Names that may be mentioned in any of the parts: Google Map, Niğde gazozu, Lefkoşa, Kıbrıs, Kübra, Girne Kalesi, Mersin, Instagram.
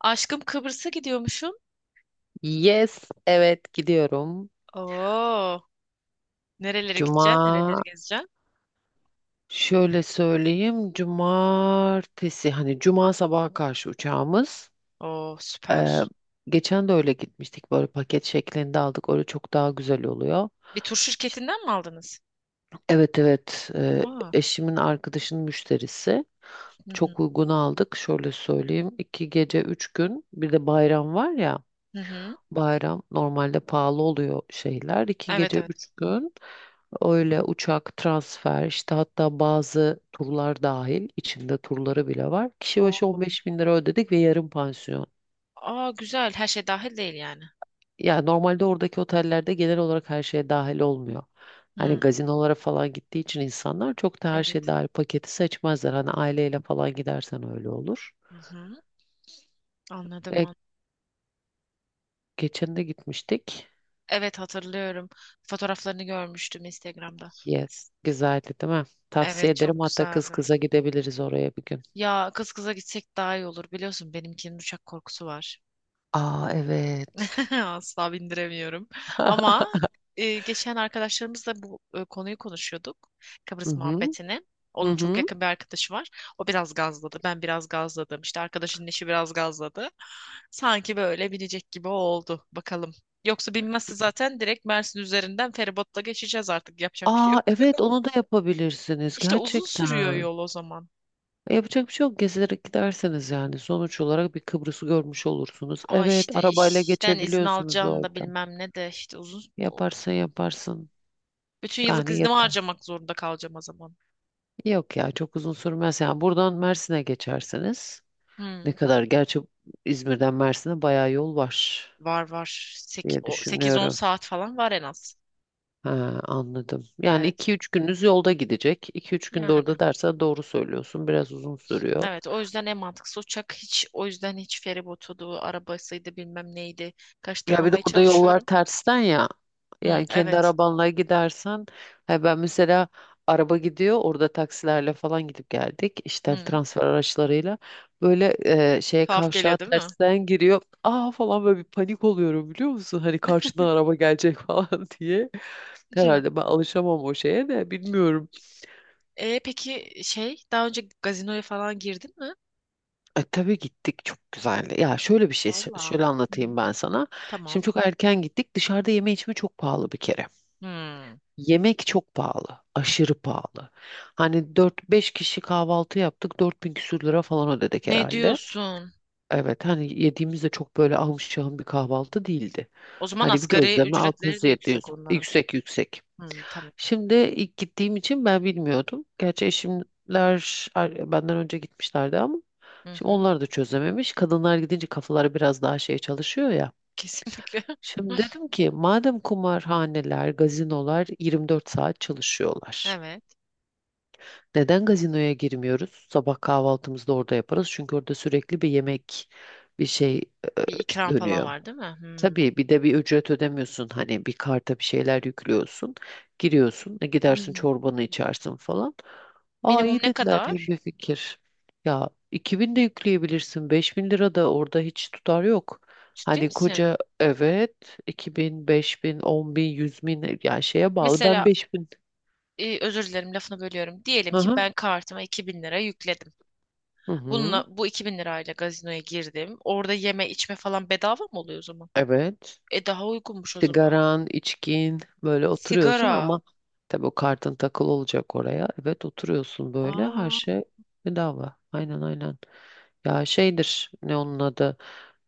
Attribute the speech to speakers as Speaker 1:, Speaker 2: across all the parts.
Speaker 1: Aşkım Kıbrıs'a gidiyormuşum.
Speaker 2: Yes, evet gidiyorum.
Speaker 1: Oo, nerelere
Speaker 2: Cuma
Speaker 1: gideceksin? Nereleri gezeceksin?
Speaker 2: Şöyle söyleyeyim. Cumartesi hani cuma sabaha karşı uçağımız.
Speaker 1: Oo, süper.
Speaker 2: Ee, Geçen de öyle gitmiştik. Böyle paket şeklinde aldık. Öyle çok daha güzel oluyor.
Speaker 1: Bir tur
Speaker 2: İşte,
Speaker 1: şirketinden mi aldınız?
Speaker 2: evet evet,
Speaker 1: Aa,
Speaker 2: eşimin arkadaşının müşterisi.
Speaker 1: hı hı,
Speaker 2: Çok uygun aldık. Şöyle söyleyeyim. İki gece üç gün. Bir de bayram var ya.
Speaker 1: hı hı.
Speaker 2: Bayram normalde pahalı oluyor şeyler. İki
Speaker 1: Evet
Speaker 2: gece
Speaker 1: evet.
Speaker 2: üç gün, öyle uçak, transfer, işte hatta bazı turlar dahil, içinde turları bile var. Kişi başı on
Speaker 1: Oo.
Speaker 2: beş bin lira ödedik ve yarım pansiyon.
Speaker 1: Aa, güzel. Her şey dahil değil yani.
Speaker 2: Yani normalde oradaki otellerde genel olarak her şeye dahil olmuyor. Hani
Speaker 1: Hı,
Speaker 2: gazinolara falan gittiği için insanlar çok da her şey
Speaker 1: evet.
Speaker 2: dahil paketi seçmezler. Hani aileyle falan gidersen öyle olur.
Speaker 1: Hı hı. Anladım.
Speaker 2: E, Geçen de gitmiştik.
Speaker 1: Evet hatırlıyorum. Fotoğraflarını görmüştüm Instagram'da.
Speaker 2: Yes. Güzeldi değil mi? Tavsiye
Speaker 1: Evet
Speaker 2: ederim.
Speaker 1: çok
Speaker 2: Hatta kız
Speaker 1: güzeldi.
Speaker 2: kıza gidebiliriz oraya bir gün.
Speaker 1: Ya kız kıza gitsek daha iyi olur biliyorsun benimkinin uçak korkusu var.
Speaker 2: Aa evet.
Speaker 1: Asla bindiremiyorum. Ama geçen arkadaşlarımızla bu konuyu konuşuyorduk.
Speaker 2: Hı
Speaker 1: Kıbrıs
Speaker 2: hı.
Speaker 1: muhabbetini.
Speaker 2: Hı
Speaker 1: Onun çok
Speaker 2: hı.
Speaker 1: yakın bir arkadaşı var. O biraz gazladı. Ben biraz gazladım. İşte arkadaşının eşi biraz gazladı. Sanki böyle binecek gibi oldu. Bakalım. Yoksa binmezse zaten direkt Mersin üzerinden feribotla geçeceğiz artık. Yapacak bir şey yok.
Speaker 2: Aa evet, onu da yapabilirsiniz
Speaker 1: İşte uzun sürüyor
Speaker 2: gerçekten.
Speaker 1: yol o zaman.
Speaker 2: Yapacak bir şey yok. Gezerek giderseniz yani. Sonuç olarak bir Kıbrıs'ı görmüş olursunuz.
Speaker 1: Ama
Speaker 2: Evet,
Speaker 1: işte
Speaker 2: arabayla
Speaker 1: işten izin
Speaker 2: geçebiliyorsunuz
Speaker 1: alacağını da
Speaker 2: orada.
Speaker 1: bilmem ne de işte uzun...
Speaker 2: Yaparsın yaparsın.
Speaker 1: Bütün yıllık
Speaker 2: Yani
Speaker 1: iznimi
Speaker 2: yeter.
Speaker 1: harcamak zorunda kalacağım o zaman.
Speaker 2: Yok ya, çok uzun sürmez. Yani buradan Mersin'e geçerseniz. Ne
Speaker 1: Hmm.
Speaker 2: kadar gerçi, İzmir'den Mersin'e bayağı yol var
Speaker 1: Var var.
Speaker 2: diye
Speaker 1: 8-10
Speaker 2: düşünüyorum.
Speaker 1: saat falan var en az.
Speaker 2: He, anladım. Yani
Speaker 1: Evet.
Speaker 2: 2-3 gününüz yolda gidecek. 2 üç günde
Speaker 1: Yani.
Speaker 2: orada dersen doğru söylüyorsun. Biraz uzun sürüyor.
Speaker 1: Evet o yüzden en mantıklısı uçak. Hiç o yüzden hiç feribotudu, arabasıydı bilmem neydi.
Speaker 2: Ya bir de
Speaker 1: Kaçtırmamaya
Speaker 2: orada yollar
Speaker 1: çalışıyorum.
Speaker 2: tersten ya.
Speaker 1: Hı,
Speaker 2: Yani kendi
Speaker 1: evet.
Speaker 2: arabanla gidersen, he ben mesela, araba gidiyor orada, taksilerle falan gidip geldik. İşte
Speaker 1: Hı.
Speaker 2: transfer araçlarıyla böyle şeye,
Speaker 1: Tuhaf
Speaker 2: kavşağa
Speaker 1: geliyor değil mi?
Speaker 2: tersten giriyor. Aa falan, böyle bir panik oluyorum biliyor musun? Hani karşıdan araba gelecek falan diye.
Speaker 1: Hı.
Speaker 2: Herhalde ben alışamam o şeye de, bilmiyorum.
Speaker 1: E, peki şey daha önce gazinoya falan girdin mi?
Speaker 2: E, tabii gittik, çok güzeldi. Ya şöyle bir şey,
Speaker 1: Valla.
Speaker 2: şöyle
Speaker 1: Hı.
Speaker 2: anlatayım ben sana.
Speaker 1: Tamam.
Speaker 2: Şimdi çok erken gittik. Dışarıda yeme içme çok pahalı bir kere.
Speaker 1: Hı.
Speaker 2: Yemek çok pahalı. Aşırı pahalı. Hani dört beş kişi kahvaltı yaptık. 4.000 küsür lira falan ödedik
Speaker 1: Ne
Speaker 2: herhalde.
Speaker 1: diyorsun?
Speaker 2: Evet, hani yediğimizde çok böyle ahım şahım bir kahvaltı değildi.
Speaker 1: O zaman
Speaker 2: Hani bir
Speaker 1: asgari
Speaker 2: gözleme
Speaker 1: ücretleri de yüksek
Speaker 2: 600-700,
Speaker 1: onların.
Speaker 2: yüksek yüksek.
Speaker 1: Hı, tamam.
Speaker 2: Şimdi ilk gittiğim için ben bilmiyordum. Gerçi eşimler, benden önce gitmişlerdi ama
Speaker 1: Hı
Speaker 2: şimdi
Speaker 1: hı.
Speaker 2: onlar da çözememiş. Kadınlar gidince kafaları biraz daha şey çalışıyor ya.
Speaker 1: Kesinlikle.
Speaker 2: Şimdi dedim ki, madem kumarhaneler, gazinolar 24 saat çalışıyorlar,
Speaker 1: Evet.
Speaker 2: neden gazinoya girmiyoruz? Sabah kahvaltımızı da orada yaparız. Çünkü orada sürekli bir yemek, bir şey
Speaker 1: Bir ikram falan
Speaker 2: dönüyor.
Speaker 1: var değil mi? Hmm.
Speaker 2: Tabii, bir de bir ücret ödemiyorsun, hani bir karta bir şeyler yüklüyorsun, giriyorsun, gidersin
Speaker 1: Hmm.
Speaker 2: çorbanı içersin falan. Aa,
Speaker 1: Minimum
Speaker 2: iyi
Speaker 1: ne
Speaker 2: dediler, iyi
Speaker 1: kadar?
Speaker 2: bir fikir. Ya, 2.000 de yükleyebilirsin, 5.000 lira da, orada hiç tutar yok.
Speaker 1: Ciddi
Speaker 2: Hani
Speaker 1: misin?
Speaker 2: koca, evet, 2.000, 5.000, 10.000, 10.000, 100.000, yani şeye bağlı, ben
Speaker 1: Mesela
Speaker 2: 5.000.
Speaker 1: özür dilerim lafını bölüyorum. Diyelim
Speaker 2: Hı
Speaker 1: ki
Speaker 2: hı.
Speaker 1: ben kartıma 2.000 lira yükledim.
Speaker 2: Hı hı.
Speaker 1: Bununla bu 2.000 lirayla gazinoya girdim. Orada yeme içme falan bedava mı oluyor o zaman?
Speaker 2: Evet.
Speaker 1: E daha uygunmuş o zaman.
Speaker 2: Sigaran, içkin, böyle oturuyorsun,
Speaker 1: Sigara.
Speaker 2: ama tabii o kartın takılı olacak oraya. Evet, oturuyorsun böyle, her
Speaker 1: Aa,
Speaker 2: şey bedava. Aynen aynen. Ya şeydir, ne onun adı.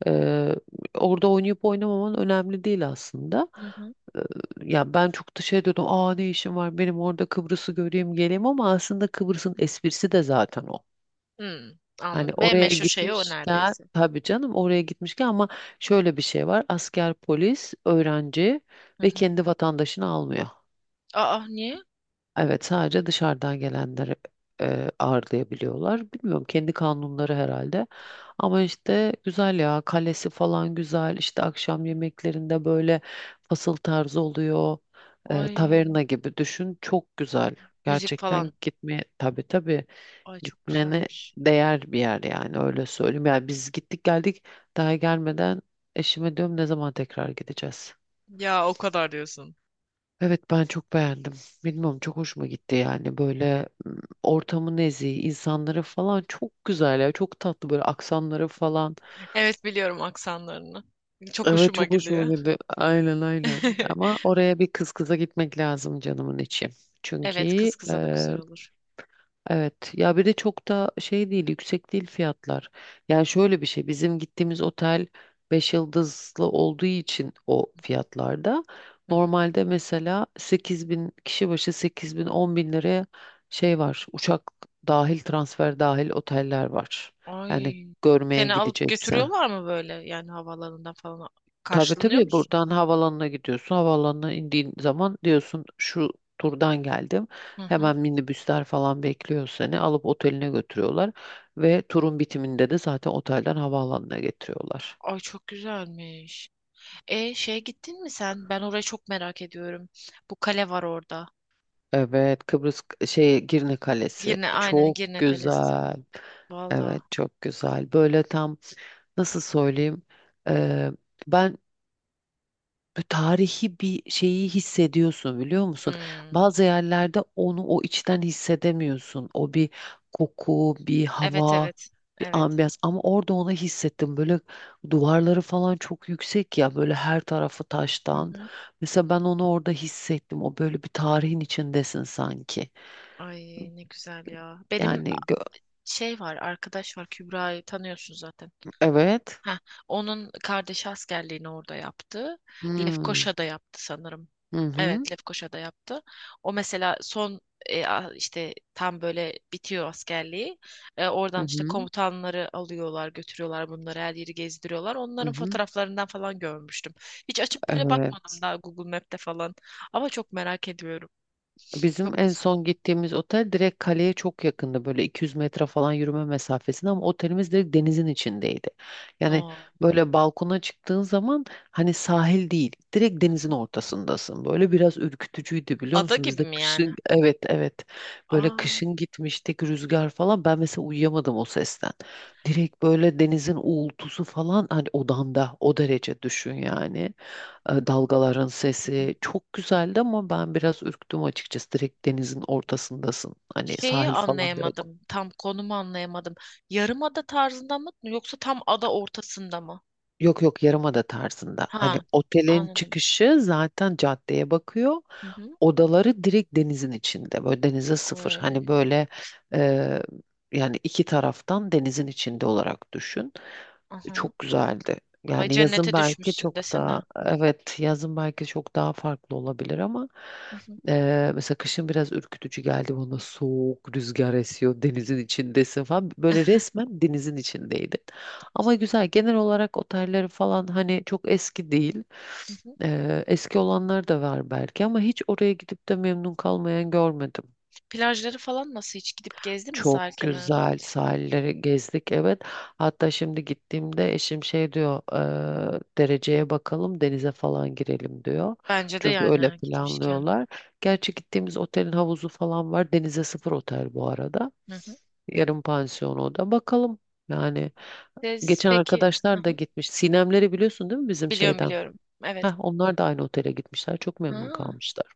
Speaker 2: Ee, Orada oynayıp oynamaman önemli değil aslında.
Speaker 1: hı hı.
Speaker 2: Ee, ya ben çok da şey diyordum. Aa, ne işim var benim orada, Kıbrıs'ı göreyim geleyim, ama aslında Kıbrıs'ın esprisi de zaten o.
Speaker 1: Hmm,
Speaker 2: Hani
Speaker 1: anladım. En
Speaker 2: oraya
Speaker 1: meşhur şey o
Speaker 2: gitmişken,
Speaker 1: neredeyse.
Speaker 2: tabii canım, oraya gitmişken, ama şöyle bir şey var. Asker, polis, öğrenci
Speaker 1: Hı
Speaker 2: ve
Speaker 1: hı.
Speaker 2: kendi vatandaşını almıyor.
Speaker 1: Aa niye?
Speaker 2: Evet, sadece dışarıdan gelenleri ağırlayabiliyorlar. Bilmiyorum, kendi kanunları herhalde. Ama işte güzel ya, kalesi falan güzel. İşte akşam yemeklerinde böyle fasıl tarzı oluyor.
Speaker 1: Ay
Speaker 2: Taverna gibi düşün. Çok güzel.
Speaker 1: müzik falan.
Speaker 2: Gerçekten gitmeye, tabii tabii.
Speaker 1: Ay çok
Speaker 2: Gitmene
Speaker 1: güzelmiş.
Speaker 2: değer bir yer yani, öyle söyleyeyim. Yani biz gittik geldik, daha gelmeden eşime diyorum, ne zaman tekrar gideceğiz.
Speaker 1: Ya o kadar diyorsun.
Speaker 2: Evet, ben çok beğendim. Bilmiyorum, çok hoşuma gitti yani, böyle ortamı nezih, insanları falan çok güzel ya, çok tatlı böyle aksanları falan.
Speaker 1: Evet biliyorum aksanlarını. Çok
Speaker 2: Evet,
Speaker 1: hoşuma
Speaker 2: çok hoşuma
Speaker 1: gidiyor.
Speaker 2: gitti. Aynen aynen. Ama oraya bir kız kıza gitmek lazım canımın içi.
Speaker 1: Evet
Speaker 2: Çünkü
Speaker 1: kız kıza da güzel olur.
Speaker 2: Evet, ya bir de çok da şey değil, yüksek değil fiyatlar. Yani şöyle bir şey, bizim gittiğimiz otel 5 yıldızlı olduğu için o
Speaker 1: Hı hı.
Speaker 2: fiyatlarda.
Speaker 1: Hı hı.
Speaker 2: Normalde mesela 8 bin kişi başı, 8 bin 10 bin liraya, şey var, uçak dahil, transfer dahil oteller var. Yani
Speaker 1: Ay.
Speaker 2: görmeye
Speaker 1: Seni alıp
Speaker 2: gidecekse.
Speaker 1: götürüyorlar mı böyle? Yani havalarından falan
Speaker 2: Tabii
Speaker 1: karşılanıyor
Speaker 2: tabii,
Speaker 1: musun?
Speaker 2: buradan havaalanına gidiyorsun. Havaalanına indiğin zaman diyorsun şu turdan geldim.
Speaker 1: Hı hı.
Speaker 2: Hemen minibüsler falan bekliyor seni. Alıp oteline götürüyorlar. Ve turun bitiminde de zaten otelden havaalanına getiriyorlar.
Speaker 1: Ay çok güzelmiş. E şeye gittin mi sen? Ben orayı çok merak ediyorum. Bu kale var orada.
Speaker 2: Evet, Kıbrıs şey Girne Kalesi
Speaker 1: Girne aynen
Speaker 2: çok
Speaker 1: Girne Kalesi.
Speaker 2: güzel. Evet
Speaker 1: Valla.
Speaker 2: çok güzel. Böyle tam, nasıl söyleyeyim? Eee, ben Böyle tarihi bir şeyi hissediyorsun biliyor musun?
Speaker 1: Hmm.
Speaker 2: Bazı yerlerde onu o içten hissedemiyorsun. O bir koku, bir
Speaker 1: Evet
Speaker 2: hava,
Speaker 1: evet.
Speaker 2: bir
Speaker 1: Evet.
Speaker 2: ambiyans, ama orada onu hissettim. Böyle duvarları falan çok yüksek ya, böyle her tarafı
Speaker 1: Hı
Speaker 2: taştan.
Speaker 1: hı.
Speaker 2: Mesela ben onu orada hissettim. O böyle bir tarihin içindesin sanki.
Speaker 1: Ay ne güzel ya. Benim
Speaker 2: Yani,
Speaker 1: şey var, arkadaş var Kübra'yı tanıyorsun zaten.
Speaker 2: evet.
Speaker 1: Heh, onun kardeşi askerliğini orada yaptı.
Speaker 2: Hmm.
Speaker 1: Lefkoşa'da yaptı sanırım.
Speaker 2: Hı hı.
Speaker 1: Evet, Lefkoşa'da yaptı. O mesela son işte tam böyle bitiyor askerliği. E,
Speaker 2: Hı
Speaker 1: oradan işte
Speaker 2: hı.
Speaker 1: komutanları alıyorlar, götürüyorlar bunları, her yeri gezdiriyorlar.
Speaker 2: Hı
Speaker 1: Onların
Speaker 2: hı.
Speaker 1: fotoğraflarından falan görmüştüm. Hiç açıp böyle bakmadım
Speaker 2: Evet.
Speaker 1: daha Google Map'te falan. Ama çok merak ediyorum.
Speaker 2: Bizim
Speaker 1: Çok
Speaker 2: en
Speaker 1: güzel.
Speaker 2: son gittiğimiz otel direkt kaleye çok yakındı. Böyle 200 metre falan yürüme mesafesinde, ama otelimiz direkt denizin içindeydi. Yani
Speaker 1: Oo.
Speaker 2: böyle balkona çıktığın zaman, hani sahil değil, direkt
Speaker 1: Hı
Speaker 2: denizin
Speaker 1: hı.
Speaker 2: ortasındasın. Böyle biraz ürkütücüydü biliyor
Speaker 1: Ada
Speaker 2: musun? Biz
Speaker 1: gibi
Speaker 2: de
Speaker 1: mi yani?
Speaker 2: kışın, evet evet, böyle
Speaker 1: Aa.
Speaker 2: kışın gitmiştik, rüzgar falan, ben mesela uyuyamadım o sesten. Direkt böyle denizin uğultusu falan, hani odanda, o derece düşün yani. Dalgaların sesi çok güzeldi ama ben biraz ürktüm açıkçası. Direkt denizin ortasındasın. Hani
Speaker 1: Şeyi
Speaker 2: sahil falan da yok.
Speaker 1: anlayamadım. Tam konumu anlayamadım. Yarımada tarzında mı yoksa tam ada ortasında mı?
Speaker 2: Yok yok, yarımada tarzında. Hani
Speaker 1: Ha,
Speaker 2: otelin
Speaker 1: anladım.
Speaker 2: çıkışı zaten caddeye bakıyor.
Speaker 1: Hı hı.
Speaker 2: Odaları direkt denizin içinde. Böyle denize sıfır. Hani
Speaker 1: Ay,
Speaker 2: böyle e, yani iki taraftan denizin içinde olarak düşün.
Speaker 1: aha.
Speaker 2: Çok güzeldi.
Speaker 1: Ay
Speaker 2: Yani yazın
Speaker 1: cennete
Speaker 2: belki
Speaker 1: düşmüşsün
Speaker 2: çok
Speaker 1: desene.
Speaker 2: daha, evet, yazın belki çok daha farklı olabilir, ama
Speaker 1: Hı hı,
Speaker 2: mesela kışın biraz ürkütücü geldi bana, soğuk rüzgar esiyor, denizin içindesin falan, böyle resmen denizin içindeydi. Ama güzel. Genel olarak otelleri falan hani çok eski değil.
Speaker 1: hı hı.
Speaker 2: Eski olanlar da var belki ama hiç oraya gidip de memnun kalmayan görmedim.
Speaker 1: Plajları falan nasıl hiç gidip gezdin mi
Speaker 2: Çok
Speaker 1: sahil kenarına?
Speaker 2: güzel sahilleri gezdik, evet. Hatta şimdi gittiğimde eşim şey diyor: Dereceye bakalım, denize falan girelim" diyor.
Speaker 1: Bence de
Speaker 2: Çünkü öyle
Speaker 1: yani gitmişken.
Speaker 2: planlıyorlar. Gerçi gittiğimiz otelin havuzu falan var. Denize sıfır otel bu arada.
Speaker 1: Hı hı.
Speaker 2: Yarım pansiyon o da. Bakalım yani.
Speaker 1: Siz
Speaker 2: Geçen
Speaker 1: peki hı
Speaker 2: arkadaşlar da
Speaker 1: hı.
Speaker 2: gitmiş. Sinemleri biliyorsun değil mi bizim
Speaker 1: Biliyorum
Speaker 2: şeyden?
Speaker 1: biliyorum. Evet.
Speaker 2: Heh, onlar da aynı otele gitmişler. Çok memnun
Speaker 1: Ha,
Speaker 2: kalmışlar.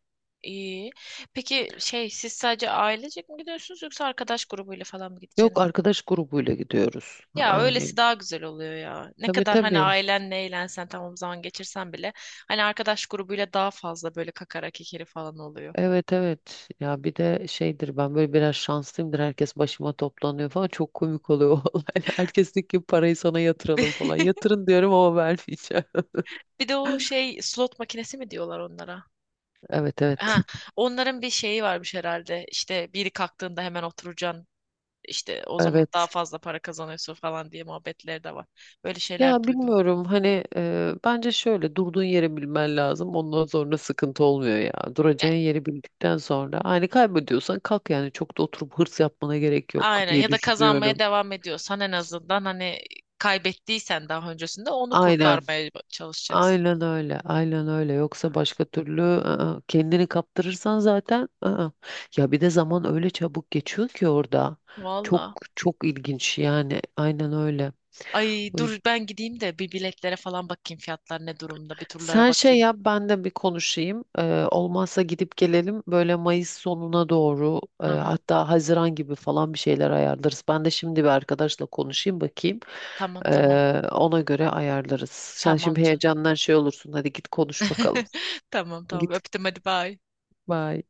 Speaker 1: iyi. Peki şey siz sadece ailecek mi gidiyorsunuz yoksa arkadaş grubuyla falan mı
Speaker 2: Yok,
Speaker 1: gideceksiniz?
Speaker 2: arkadaş grubuyla gidiyoruz.
Speaker 1: Ya
Speaker 2: Yani
Speaker 1: öylesi daha güzel oluyor ya. Ne
Speaker 2: tabii
Speaker 1: kadar hani
Speaker 2: tabii.
Speaker 1: ailenle eğlensen tamam zaman geçirsen bile hani arkadaş grubuyla daha fazla böyle kakara kekeri falan oluyor.
Speaker 2: Evet evet. Ya bir de şeydir, ben böyle biraz şanslıyımdır. Herkes başıma toplanıyor falan. Çok komik oluyor o olaylar. Herkes diyor ki parayı sana yatıralım falan. Yatırın diyorum ama vermeyeceğim.
Speaker 1: Bir de o şey slot makinesi mi diyorlar onlara?
Speaker 2: Evet evet.
Speaker 1: Ha, onların bir şeyi varmış herhalde. İşte biri kalktığında hemen oturacaksın. İşte o zaman daha
Speaker 2: Evet.
Speaker 1: fazla para kazanıyorsun falan diye muhabbetleri de var. Böyle şeyler
Speaker 2: Ya
Speaker 1: duydum.
Speaker 2: bilmiyorum hani, bence şöyle, durduğun yeri bilmen lazım. Ondan sonra sıkıntı olmuyor ya.
Speaker 1: Ya,
Speaker 2: Duracağın yeri bildikten sonra hani kaybediyorsan kalk, yani çok da oturup hırs yapmana gerek yok
Speaker 1: aynen
Speaker 2: diye
Speaker 1: ya da kazanmaya
Speaker 2: düşünüyorum.
Speaker 1: devam ediyorsan en azından hani kaybettiysen daha öncesinde onu
Speaker 2: Aynen.
Speaker 1: kurtarmaya çalışacaksın.
Speaker 2: Aynen öyle. Aynen öyle. Yoksa
Speaker 1: Evet.
Speaker 2: başka türlü ı-ı, kendini kaptırırsan zaten ı-ı. Ya bir de zaman öyle çabuk geçiyor ki orada. Çok
Speaker 1: Valla.
Speaker 2: çok ilginç yani. Aynen öyle.
Speaker 1: Ay dur ben gideyim de bir biletlere falan bakayım fiyatlar ne durumda. Bir turlara
Speaker 2: Sen şey
Speaker 1: bakayım.
Speaker 2: yap, ben de bir konuşayım. Olmazsa gidip gelelim, böyle Mayıs sonuna doğru,
Speaker 1: Hı hı.
Speaker 2: hatta Haziran gibi falan bir şeyler ayarlarız. Ben de şimdi bir arkadaşla konuşayım, bakayım.
Speaker 1: Tamam tamam.
Speaker 2: Ona göre ayarlarız. Sen
Speaker 1: Tamam
Speaker 2: şimdi
Speaker 1: canım.
Speaker 2: heyecandan şey olursun. Hadi git konuş bakalım.
Speaker 1: Tamam tamam
Speaker 2: Git.
Speaker 1: öptüm hadi bye.
Speaker 2: Bye.